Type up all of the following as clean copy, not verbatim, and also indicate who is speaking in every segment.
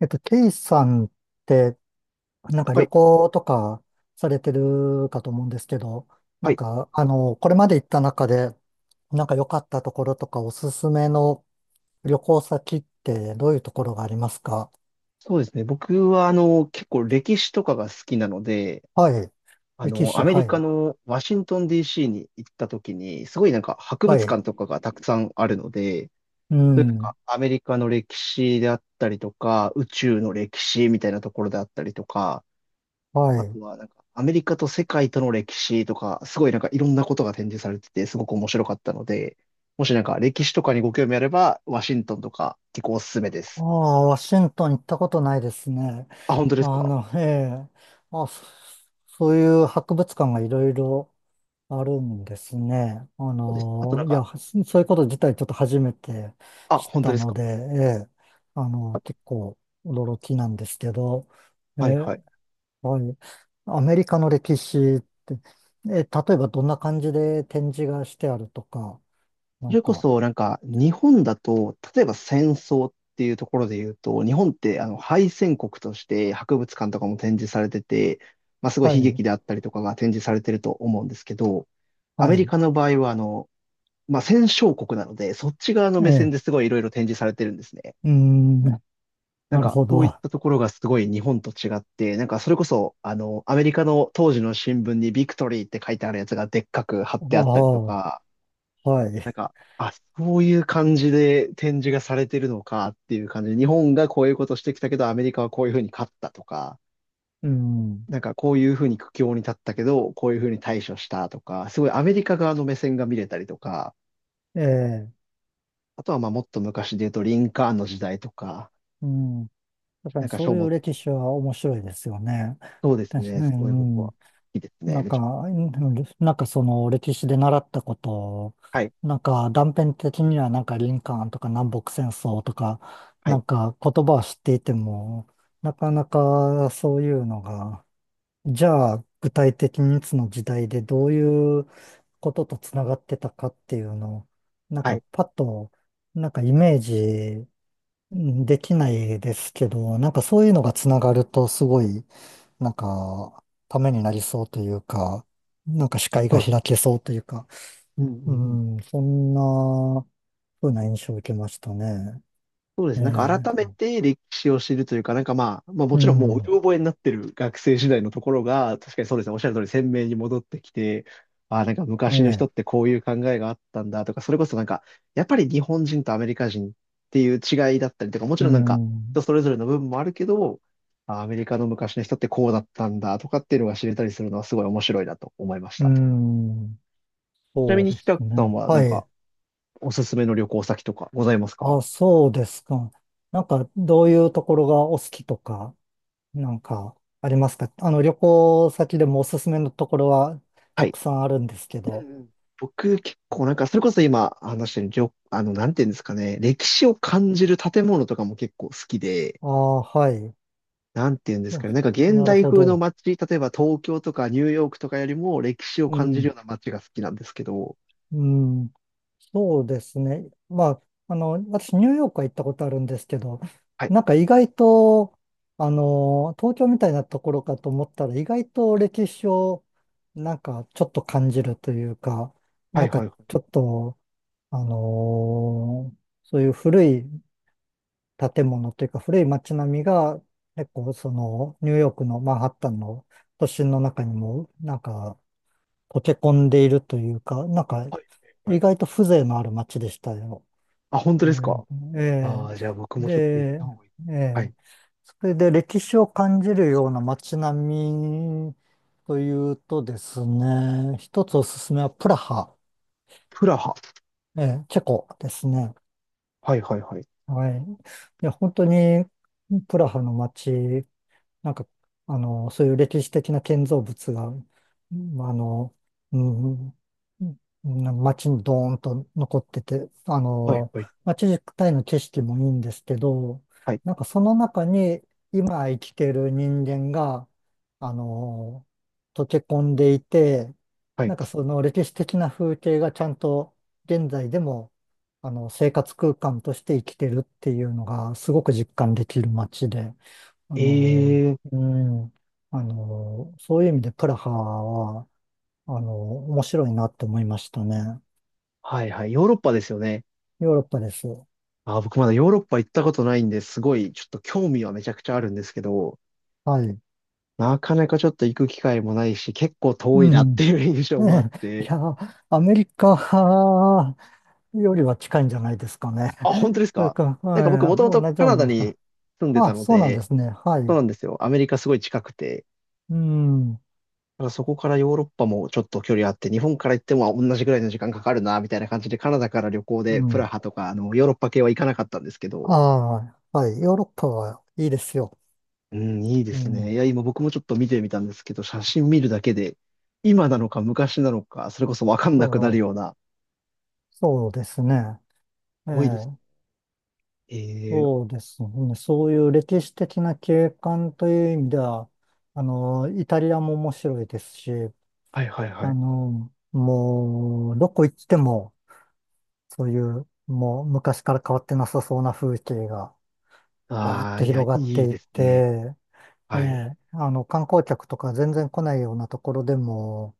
Speaker 1: ケイさんって、なんか
Speaker 2: は
Speaker 1: 旅
Speaker 2: い、
Speaker 1: 行とかされてるかと思うんですけど、な
Speaker 2: は
Speaker 1: ん
Speaker 2: い、
Speaker 1: か、あの、これまで行った中で、なんか良かったところとかおすすめの旅行先ってどういうところがありますか？
Speaker 2: そうですね。僕は、結構歴史とかが好きなので、
Speaker 1: はい。歴史、
Speaker 2: アメ
Speaker 1: は
Speaker 2: リカ
Speaker 1: い。
Speaker 2: のワシントン DC に行った時に、すごいなんか博
Speaker 1: は
Speaker 2: 物
Speaker 1: い。
Speaker 2: 館とかがたくさんあるので、
Speaker 1: う
Speaker 2: そういうなん
Speaker 1: ん。
Speaker 2: かアメリカの歴史であったりとか、宇宙の歴史みたいなところであったりとか、
Speaker 1: は
Speaker 2: あと
Speaker 1: い。
Speaker 2: はなんかアメリカと世界との歴史とか、すごいなんかいろんなことが展示されてて、すごく面白かったので、もしなんか歴史とかにご興味あれば、ワシントンとか結構おすすめで
Speaker 1: あ
Speaker 2: す。
Speaker 1: あ、ワシントン行ったことないですね。
Speaker 2: あ、本当です
Speaker 1: あ
Speaker 2: か？
Speaker 1: の、ええ。あ、そういう博物館がいろいろあるんですね。
Speaker 2: そうです。あとなん
Speaker 1: いや、
Speaker 2: か、
Speaker 1: はそういうこと自体ちょっと初めて
Speaker 2: あ、
Speaker 1: 知っ
Speaker 2: 本当
Speaker 1: た
Speaker 2: です
Speaker 1: の
Speaker 2: か。
Speaker 1: で、ええ、結構驚きなんですけど、え
Speaker 2: はいはい。
Speaker 1: え、はい。アメリカの歴史って、ええ、例えばどんな感じで展示がしてあるとか、な
Speaker 2: そ
Speaker 1: ん
Speaker 2: れこ
Speaker 1: か、
Speaker 2: そ、なんか、日本だと、例えば戦争っていうところで言うと、日本って、敗戦国として博物館とかも展示されてて、まあ、すごい
Speaker 1: は
Speaker 2: 悲
Speaker 1: い、
Speaker 2: 劇であったりとかが展示されてると思うんですけど、ア
Speaker 1: は
Speaker 2: メリ
Speaker 1: い、
Speaker 2: カの場合は、まあ、戦勝国なので、そっち側の
Speaker 1: え
Speaker 2: 目線
Speaker 1: え、
Speaker 2: ですごいいろいろ展示されてるんですね。
Speaker 1: うーん、
Speaker 2: なん
Speaker 1: なる
Speaker 2: か、
Speaker 1: ほ
Speaker 2: そ
Speaker 1: ど。
Speaker 2: ういっ
Speaker 1: あ
Speaker 2: たところがすごい日本と違って、なんか、それこそ、アメリカの当時の新聞にビクトリーって書いてあるやつがでっかく貼ってあったりと
Speaker 1: あ、
Speaker 2: か、
Speaker 1: はい、
Speaker 2: なんか、あ、そういう感じで展示がされてるのかっていう感じで、日本がこういうことしてきたけど、アメリカはこういうふうに勝ったとか、
Speaker 1: うん、
Speaker 2: なんかこういうふうに苦境に立ったけど、こういうふうに対処したとか、すごいアメリカ側の目線が見れたりとか、
Speaker 1: ええ、
Speaker 2: あとはまあもっと昔で言うとリンカーンの時代とか、
Speaker 1: うん。確か
Speaker 2: な
Speaker 1: に
Speaker 2: んか
Speaker 1: そ
Speaker 2: 書
Speaker 1: ういう
Speaker 2: 物、
Speaker 1: 歴史は面白いですよね。
Speaker 2: そうです
Speaker 1: 確か
Speaker 2: ね、
Speaker 1: に、
Speaker 2: そういうことは、
Speaker 1: う
Speaker 2: 好
Speaker 1: ん、
Speaker 2: きです
Speaker 1: な
Speaker 2: ね、
Speaker 1: ん
Speaker 2: め
Speaker 1: か、
Speaker 2: ちゃ、
Speaker 1: うん、なんかその歴史で習ったことを、
Speaker 2: はい、
Speaker 1: なんか断片的にはなんかリンカーンとか南北戦争とか、
Speaker 2: は
Speaker 1: な
Speaker 2: い、
Speaker 1: んか言葉は知っていても、なかなかそういうのが、じゃあ具体的にいつの時代でどういうこととつながってたかっていうのを、なん
Speaker 2: はい、
Speaker 1: かパッと、なんかイメージできないですけど、なんかそういうのがつながるとすごいなんか、ためになりそうというか、なんか視界
Speaker 2: そ
Speaker 1: が
Speaker 2: うで
Speaker 1: 開
Speaker 2: す。
Speaker 1: けそうというか、
Speaker 2: うんうん
Speaker 1: う
Speaker 2: うん、
Speaker 1: ん、そんな風な印象を受けましたね。
Speaker 2: そうです
Speaker 1: え
Speaker 2: ね。なんか改め
Speaker 1: え、
Speaker 2: て歴史を知るというか、なんかまあ、まあも
Speaker 1: う
Speaker 2: ちろんもうう
Speaker 1: ん、
Speaker 2: ろ覚えになってる学生時代のところが、確かにそうですね。おっしゃる通り鮮明に戻ってきて、ああ、なんか
Speaker 1: え
Speaker 2: 昔の人
Speaker 1: え、
Speaker 2: ってこういう考えがあったんだとか、それこそなんか、やっぱり日本人とアメリカ人っていう違いだったりとか、もち
Speaker 1: う
Speaker 2: ろんなんか人
Speaker 1: ん、
Speaker 2: それぞれの部分もあるけど、ああアメリカの昔の人ってこうだったんだとかっていうのが知れたりするのはすごい面白いなと思いまし
Speaker 1: う
Speaker 2: た。
Speaker 1: ん、
Speaker 2: ちな
Speaker 1: そ
Speaker 2: み
Speaker 1: う
Speaker 2: に、
Speaker 1: で
Speaker 2: ひた
Speaker 1: す
Speaker 2: くさん
Speaker 1: ね。
Speaker 2: はな
Speaker 1: は
Speaker 2: んか
Speaker 1: い。
Speaker 2: おすすめの旅行先とかございます
Speaker 1: あ、
Speaker 2: か？
Speaker 1: そうですか。なんか、どういうところがお好きとか、なんか、ありますか？あの、旅行先でもおすすめのところは
Speaker 2: は
Speaker 1: た
Speaker 2: い。
Speaker 1: くさんあるんですけ
Speaker 2: う
Speaker 1: ど。
Speaker 2: んうん。僕結構なんか、それこそ今話してる旅、なんていうんですかね、歴史を感じる建物とかも結構好きで、
Speaker 1: ああ、はい。
Speaker 2: なんていうんです
Speaker 1: あ、
Speaker 2: かね、なんか現
Speaker 1: なる
Speaker 2: 代
Speaker 1: ほ
Speaker 2: 風の
Speaker 1: ど。
Speaker 2: 街、例えば東京とかニューヨークとかよりも歴史を
Speaker 1: う
Speaker 2: 感じる
Speaker 1: ん。
Speaker 2: ような街が好きなんですけど、
Speaker 1: うん、そうですね。まあ、あの、私、ニューヨークは行ったことあるんですけど、
Speaker 2: はい、
Speaker 1: なんか意外と、あの、東京みたいなところかと思ったら、意外と歴史を、なんかちょっと感じるというか、
Speaker 2: は
Speaker 1: な
Speaker 2: い
Speaker 1: んか
Speaker 2: はいはい。
Speaker 1: ちょっと、あのそういう古い建物というか、古い街並みが、結構、その、ニューヨークのマンハッタンの都心の中にも、なんか、溶け込んでいるというか、なんか、
Speaker 2: はいは
Speaker 1: 意
Speaker 2: い。
Speaker 1: 外と風情のある街でしたよ。
Speaker 2: あ、本当
Speaker 1: ニ
Speaker 2: で
Speaker 1: ュ
Speaker 2: す
Speaker 1: ーヨ
Speaker 2: か？
Speaker 1: ーク、え
Speaker 2: あ
Speaker 1: え、
Speaker 2: あー、じゃあ僕もちょっと行っ
Speaker 1: で、
Speaker 2: た方がいい。
Speaker 1: え
Speaker 2: は
Speaker 1: え、
Speaker 2: い。
Speaker 1: それで歴史を感じるような街並みというとですね、一つおすすめはプラハ、
Speaker 2: プラハ。
Speaker 1: ええ、チェコですね。
Speaker 2: はいはいはい。
Speaker 1: はい。いや、本当にプラハの街、なんか、あの、そういう歴史的な建造物が、うん、あの、うん、うん、街にドーンと残ってて、あ
Speaker 2: はい
Speaker 1: の、
Speaker 2: はい。
Speaker 1: 街自体の景色もいいんですけど、
Speaker 2: はい
Speaker 1: なんかその中に今生きてる人間が、あの、溶け込んでいて、
Speaker 2: は
Speaker 1: な
Speaker 2: い。
Speaker 1: んかその歴史的な風景がちゃんと現在でも、あの、生活空間として生きてるっていうのがすごく実感できる街で、あ
Speaker 2: ええ
Speaker 1: の、
Speaker 2: ー、
Speaker 1: うん、あの、そういう意味でプラハは、あの、面白いなって思いましたね。
Speaker 2: はいはい。ヨーロッパですよね。
Speaker 1: ヨーロッパです。
Speaker 2: あ、僕まだヨーロッパ行ったことないんで、すごいちょっと興味はめちゃくちゃあるんですけど、
Speaker 1: はい。
Speaker 2: なかなかちょっと行く機会もないし、結構
Speaker 1: う
Speaker 2: 遠いなって
Speaker 1: ん。
Speaker 2: いう印象もあっ
Speaker 1: ねえ、い
Speaker 2: て。
Speaker 1: や、アメリカよりは近いんじゃないですかね。
Speaker 2: あ、本当 です
Speaker 1: それ
Speaker 2: か？
Speaker 1: か、
Speaker 2: なんか僕
Speaker 1: は
Speaker 2: もとも
Speaker 1: い、
Speaker 2: と
Speaker 1: 同じ
Speaker 2: カ
Speaker 1: よう
Speaker 2: ナ
Speaker 1: な
Speaker 2: ダ
Speaker 1: もんか。
Speaker 2: に住んでた
Speaker 1: あ、
Speaker 2: の
Speaker 1: そうなんで
Speaker 2: で、
Speaker 1: すね。は
Speaker 2: そう
Speaker 1: い。
Speaker 2: なんですよ。アメリカすごい近くて、
Speaker 1: うん。
Speaker 2: ただそこからヨーロッパもちょっと距離あって、日本から行っても同じぐらいの時間かかるな、みたいな感じでカナダから旅行
Speaker 1: う
Speaker 2: でプラ
Speaker 1: ん。
Speaker 2: ハとか、ヨーロッパ系は行かなかったんですけ
Speaker 1: あ
Speaker 2: ど、
Speaker 1: あ、はい。ヨーロッパはいいですよ。
Speaker 2: うん、いいで
Speaker 1: う
Speaker 2: す
Speaker 1: ん。
Speaker 2: ね。いや、今僕もちょっと見てみたんですけど、写真見るだけで、今なのか昔なのか、それこそわかん
Speaker 1: そ
Speaker 2: なくなるよう
Speaker 1: う、
Speaker 2: な、す
Speaker 1: そうですね。え
Speaker 2: ごいです。
Speaker 1: え、
Speaker 2: えー、
Speaker 1: そうですね。そういう歴史的な景観という意味では、あの、イタリアも面白いですし、
Speaker 2: はいはいは
Speaker 1: あ
Speaker 2: い。
Speaker 1: の、もう、どこ行っても、そういう、もう昔から変わってなさそうな風景が、ぼーっ
Speaker 2: ああ、
Speaker 1: と
Speaker 2: いや、
Speaker 1: 広
Speaker 2: い
Speaker 1: がっ
Speaker 2: い
Speaker 1: てい
Speaker 2: ですね。
Speaker 1: て、え
Speaker 2: はい、
Speaker 1: え、あの、観光客とか全然来ないようなところでも、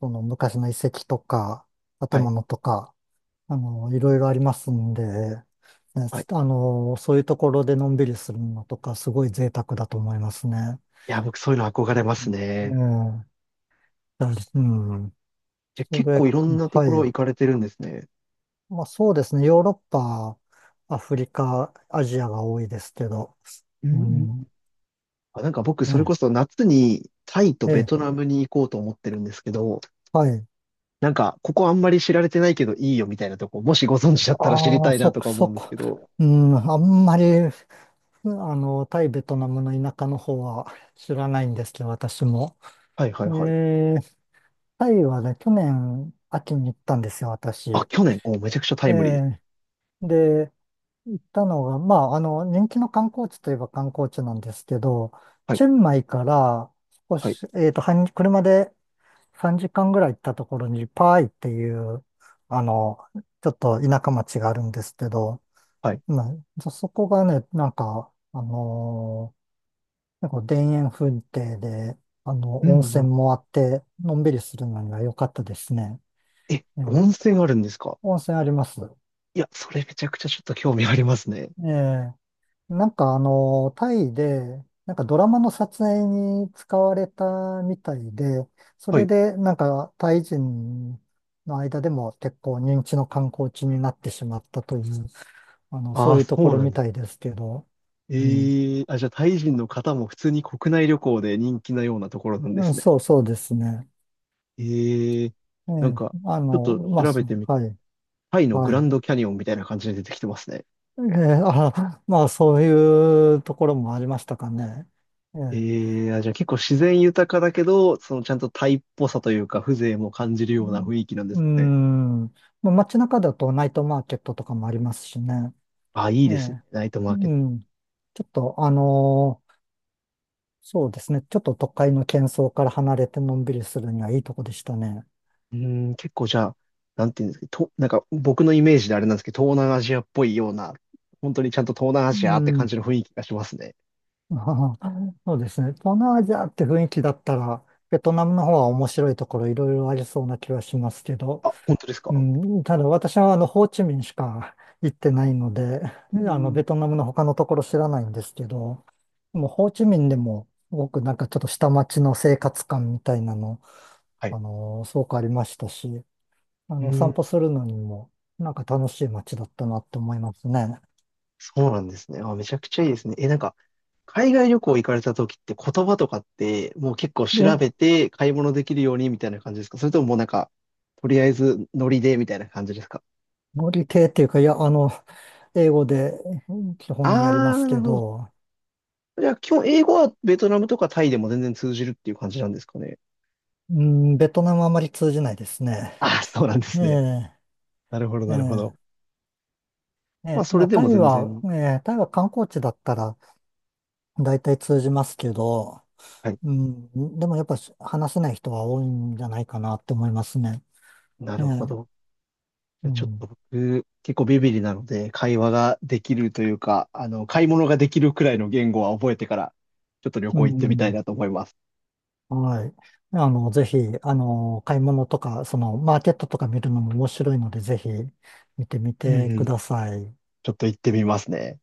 Speaker 1: その昔の遺跡とか、
Speaker 2: は
Speaker 1: 建
Speaker 2: い、
Speaker 1: 物とか、あの、いろいろありますんで、ね、
Speaker 2: はい。
Speaker 1: あ
Speaker 2: い
Speaker 1: の、そういうところでのんびりするのとか、すごい贅沢だと思いますね。
Speaker 2: や、僕そういうの憧れます
Speaker 1: う
Speaker 2: ね。
Speaker 1: ん、だ、うん。
Speaker 2: じゃ、
Speaker 1: そ
Speaker 2: 結構
Speaker 1: れ、
Speaker 2: いろんなと
Speaker 1: は
Speaker 2: ころ行
Speaker 1: い。
Speaker 2: かれてるんですね。
Speaker 1: まあそうですね。ヨーロッパ、アフリカ、アジアが多いですけど。
Speaker 2: うんう
Speaker 1: う
Speaker 2: ん。
Speaker 1: ん。
Speaker 2: あ、なんか僕、それこ
Speaker 1: ね。
Speaker 2: そ夏にタイと
Speaker 1: え
Speaker 2: ベト
Speaker 1: え、
Speaker 2: ナムに行こうと思ってるんですけど、
Speaker 1: はい。
Speaker 2: なんか、ここあんまり知られてないけどいいよみたいなとこ、もしご存知だったら知り
Speaker 1: あ
Speaker 2: た
Speaker 1: あ、
Speaker 2: いな
Speaker 1: そ、
Speaker 2: とか思う
Speaker 1: そ
Speaker 2: んです
Speaker 1: こ。
Speaker 2: けど。
Speaker 1: うん、あんまり、あの、タイ、ベトナムの田舎の方は知らないんですけど、私も。
Speaker 2: はいはい
Speaker 1: え
Speaker 2: はい。
Speaker 1: え、タイはね、去年秋に行ったんですよ、私。
Speaker 2: あ、
Speaker 1: え
Speaker 2: 去年、お、めちゃくちゃタイムリーですね。
Speaker 1: え、で、行ったのが、まあ、あの、人気の観光地といえば観光地なんですけど、
Speaker 2: はい、
Speaker 1: チェンマイから少
Speaker 2: はい、
Speaker 1: し、半車で3時間ぐらい行ったところに、パーイっていう、あの、ちょっと田舎町があるんですけど、
Speaker 2: はい。
Speaker 1: まあ、そこがね、なんか、なんか田園風景で、あ
Speaker 2: う
Speaker 1: の、
Speaker 2: ん、
Speaker 1: 温
Speaker 2: う
Speaker 1: 泉
Speaker 2: ん。
Speaker 1: もあって、のんびりするのには良かったですね。
Speaker 2: え、温泉あるんですか？
Speaker 1: 温泉あります。
Speaker 2: いや、それめちゃくちゃちょっと興味ありますね。
Speaker 1: ええ、なんかあの、タイで、なんかドラマの撮影に使われたみたいで、そ
Speaker 2: は
Speaker 1: れ
Speaker 2: い。
Speaker 1: でなんかタイ人の間でも結構人気の観光地になってしまったという、あの、
Speaker 2: あ
Speaker 1: そう
Speaker 2: あ、
Speaker 1: いう
Speaker 2: そ
Speaker 1: とこ
Speaker 2: う
Speaker 1: ろ
Speaker 2: なん
Speaker 1: み
Speaker 2: で
Speaker 1: た
Speaker 2: す。
Speaker 1: いですけど、うん。
Speaker 2: ええ、あ、じゃあ、タイ人の方も普通に国内旅行で人気なようなところなんで
Speaker 1: うん、
Speaker 2: すね。
Speaker 1: そうそうですね。
Speaker 2: ええ、
Speaker 1: え
Speaker 2: なん
Speaker 1: え、
Speaker 2: か、
Speaker 1: あ
Speaker 2: ちょっ
Speaker 1: の、
Speaker 2: と
Speaker 1: まあ、
Speaker 2: 調
Speaker 1: そ
Speaker 2: べて
Speaker 1: う
Speaker 2: みた
Speaker 1: は
Speaker 2: ら、
Speaker 1: い、
Speaker 2: タイのグ
Speaker 1: は
Speaker 2: ラン
Speaker 1: い。
Speaker 2: ドキャニオンみたいな感じで出てきてますね。
Speaker 1: ええ、あ、まあ、そういうところもありましたかね。ええ、
Speaker 2: ええ、あ、じゃあ結構自然豊かだけど、そのちゃんとタイっぽさというか、風情も感じるような雰囲気なんです
Speaker 1: う
Speaker 2: かね。
Speaker 1: ん。うん、まあ、街中だとナイトマーケットとかもありますしね。
Speaker 2: あ、いい
Speaker 1: え
Speaker 2: ですね。
Speaker 1: え。
Speaker 2: ナイト
Speaker 1: う
Speaker 2: マーケット。
Speaker 1: ん。ちょっと、そうですね。ちょっと都会の喧騒から離れてのんびりするにはいいとこでしたね。
Speaker 2: うーん、結構じゃあ、なんていうんですか、と、なんか僕のイメージであれなんですけど、東南アジアっぽいような、本当にちゃんと東南ア
Speaker 1: う
Speaker 2: ジアって感
Speaker 1: ん。
Speaker 2: じの雰囲気がしますね。
Speaker 1: あー、そうですね。東南アジアって雰囲気だったら、ベトナムの方は面白いところいろいろありそうな気はしますけど、
Speaker 2: あ、本当です
Speaker 1: う
Speaker 2: か？
Speaker 1: ん、ただ私はあのホーチミンしか行ってないので、
Speaker 2: う
Speaker 1: あのベ
Speaker 2: ん、
Speaker 1: トナムの他のところ知らないんですけど、でもホーチミンでもすごくなんかちょっと下町の生活感みたいなの、
Speaker 2: はい。
Speaker 1: あのすごくありましたし、あ
Speaker 2: うー
Speaker 1: の散
Speaker 2: ん、
Speaker 1: 歩するのにもなんか楽しい街だったなって思いますね。
Speaker 2: そうなんですね。あ、めちゃくちゃいいですね。え、なんか、海外旅行行かれた時って言葉とかって、もう結構調
Speaker 1: で、
Speaker 2: べて買い物できるようにみたいな感じですか？それとももうなんか、とりあえずノリでみたいな感じですか？
Speaker 1: 料理系っていうか、いや、あの、英語で、うん、基本やり
Speaker 2: あ
Speaker 1: ま
Speaker 2: ー、
Speaker 1: す
Speaker 2: なる
Speaker 1: け
Speaker 2: ほど。
Speaker 1: ど、
Speaker 2: じゃあ、基本英語はベトナムとかタイでも全然通じるっていう感じなんですかね。
Speaker 1: うん、ベトナムあまり通じないですね。
Speaker 2: あ、そうなんで
Speaker 1: え
Speaker 2: すね。
Speaker 1: え
Speaker 2: なるほど、
Speaker 1: え
Speaker 2: なるほど。
Speaker 1: ええ
Speaker 2: まあ、
Speaker 1: ー、
Speaker 2: そ
Speaker 1: ま
Speaker 2: れ
Speaker 1: あ、
Speaker 2: で
Speaker 1: タ
Speaker 2: も
Speaker 1: イ
Speaker 2: 全
Speaker 1: は、
Speaker 2: 然。
Speaker 1: タイは観光地だったら大体通じますけど、
Speaker 2: はい。
Speaker 1: うん、でもやっぱし話せない人は多いんじゃないかなって思いますね。
Speaker 2: な
Speaker 1: え
Speaker 2: るほ
Speaker 1: ー
Speaker 2: ど。じ
Speaker 1: う
Speaker 2: ゃあちょっ
Speaker 1: ん、
Speaker 2: と僕、結構ビビリなので、会話ができるというか、買い物ができるくらいの言語は覚えてから、ちょっと旅
Speaker 1: う
Speaker 2: 行行ってみたい
Speaker 1: ん、
Speaker 2: なと思います。
Speaker 1: はい。あの、ぜひ、あの、買い物とか、その、マーケットとか見るのも面白いので、ぜひ見てみ
Speaker 2: うん
Speaker 1: て
Speaker 2: う
Speaker 1: く
Speaker 2: ん。
Speaker 1: ださい。
Speaker 2: ちょっと行ってみますね。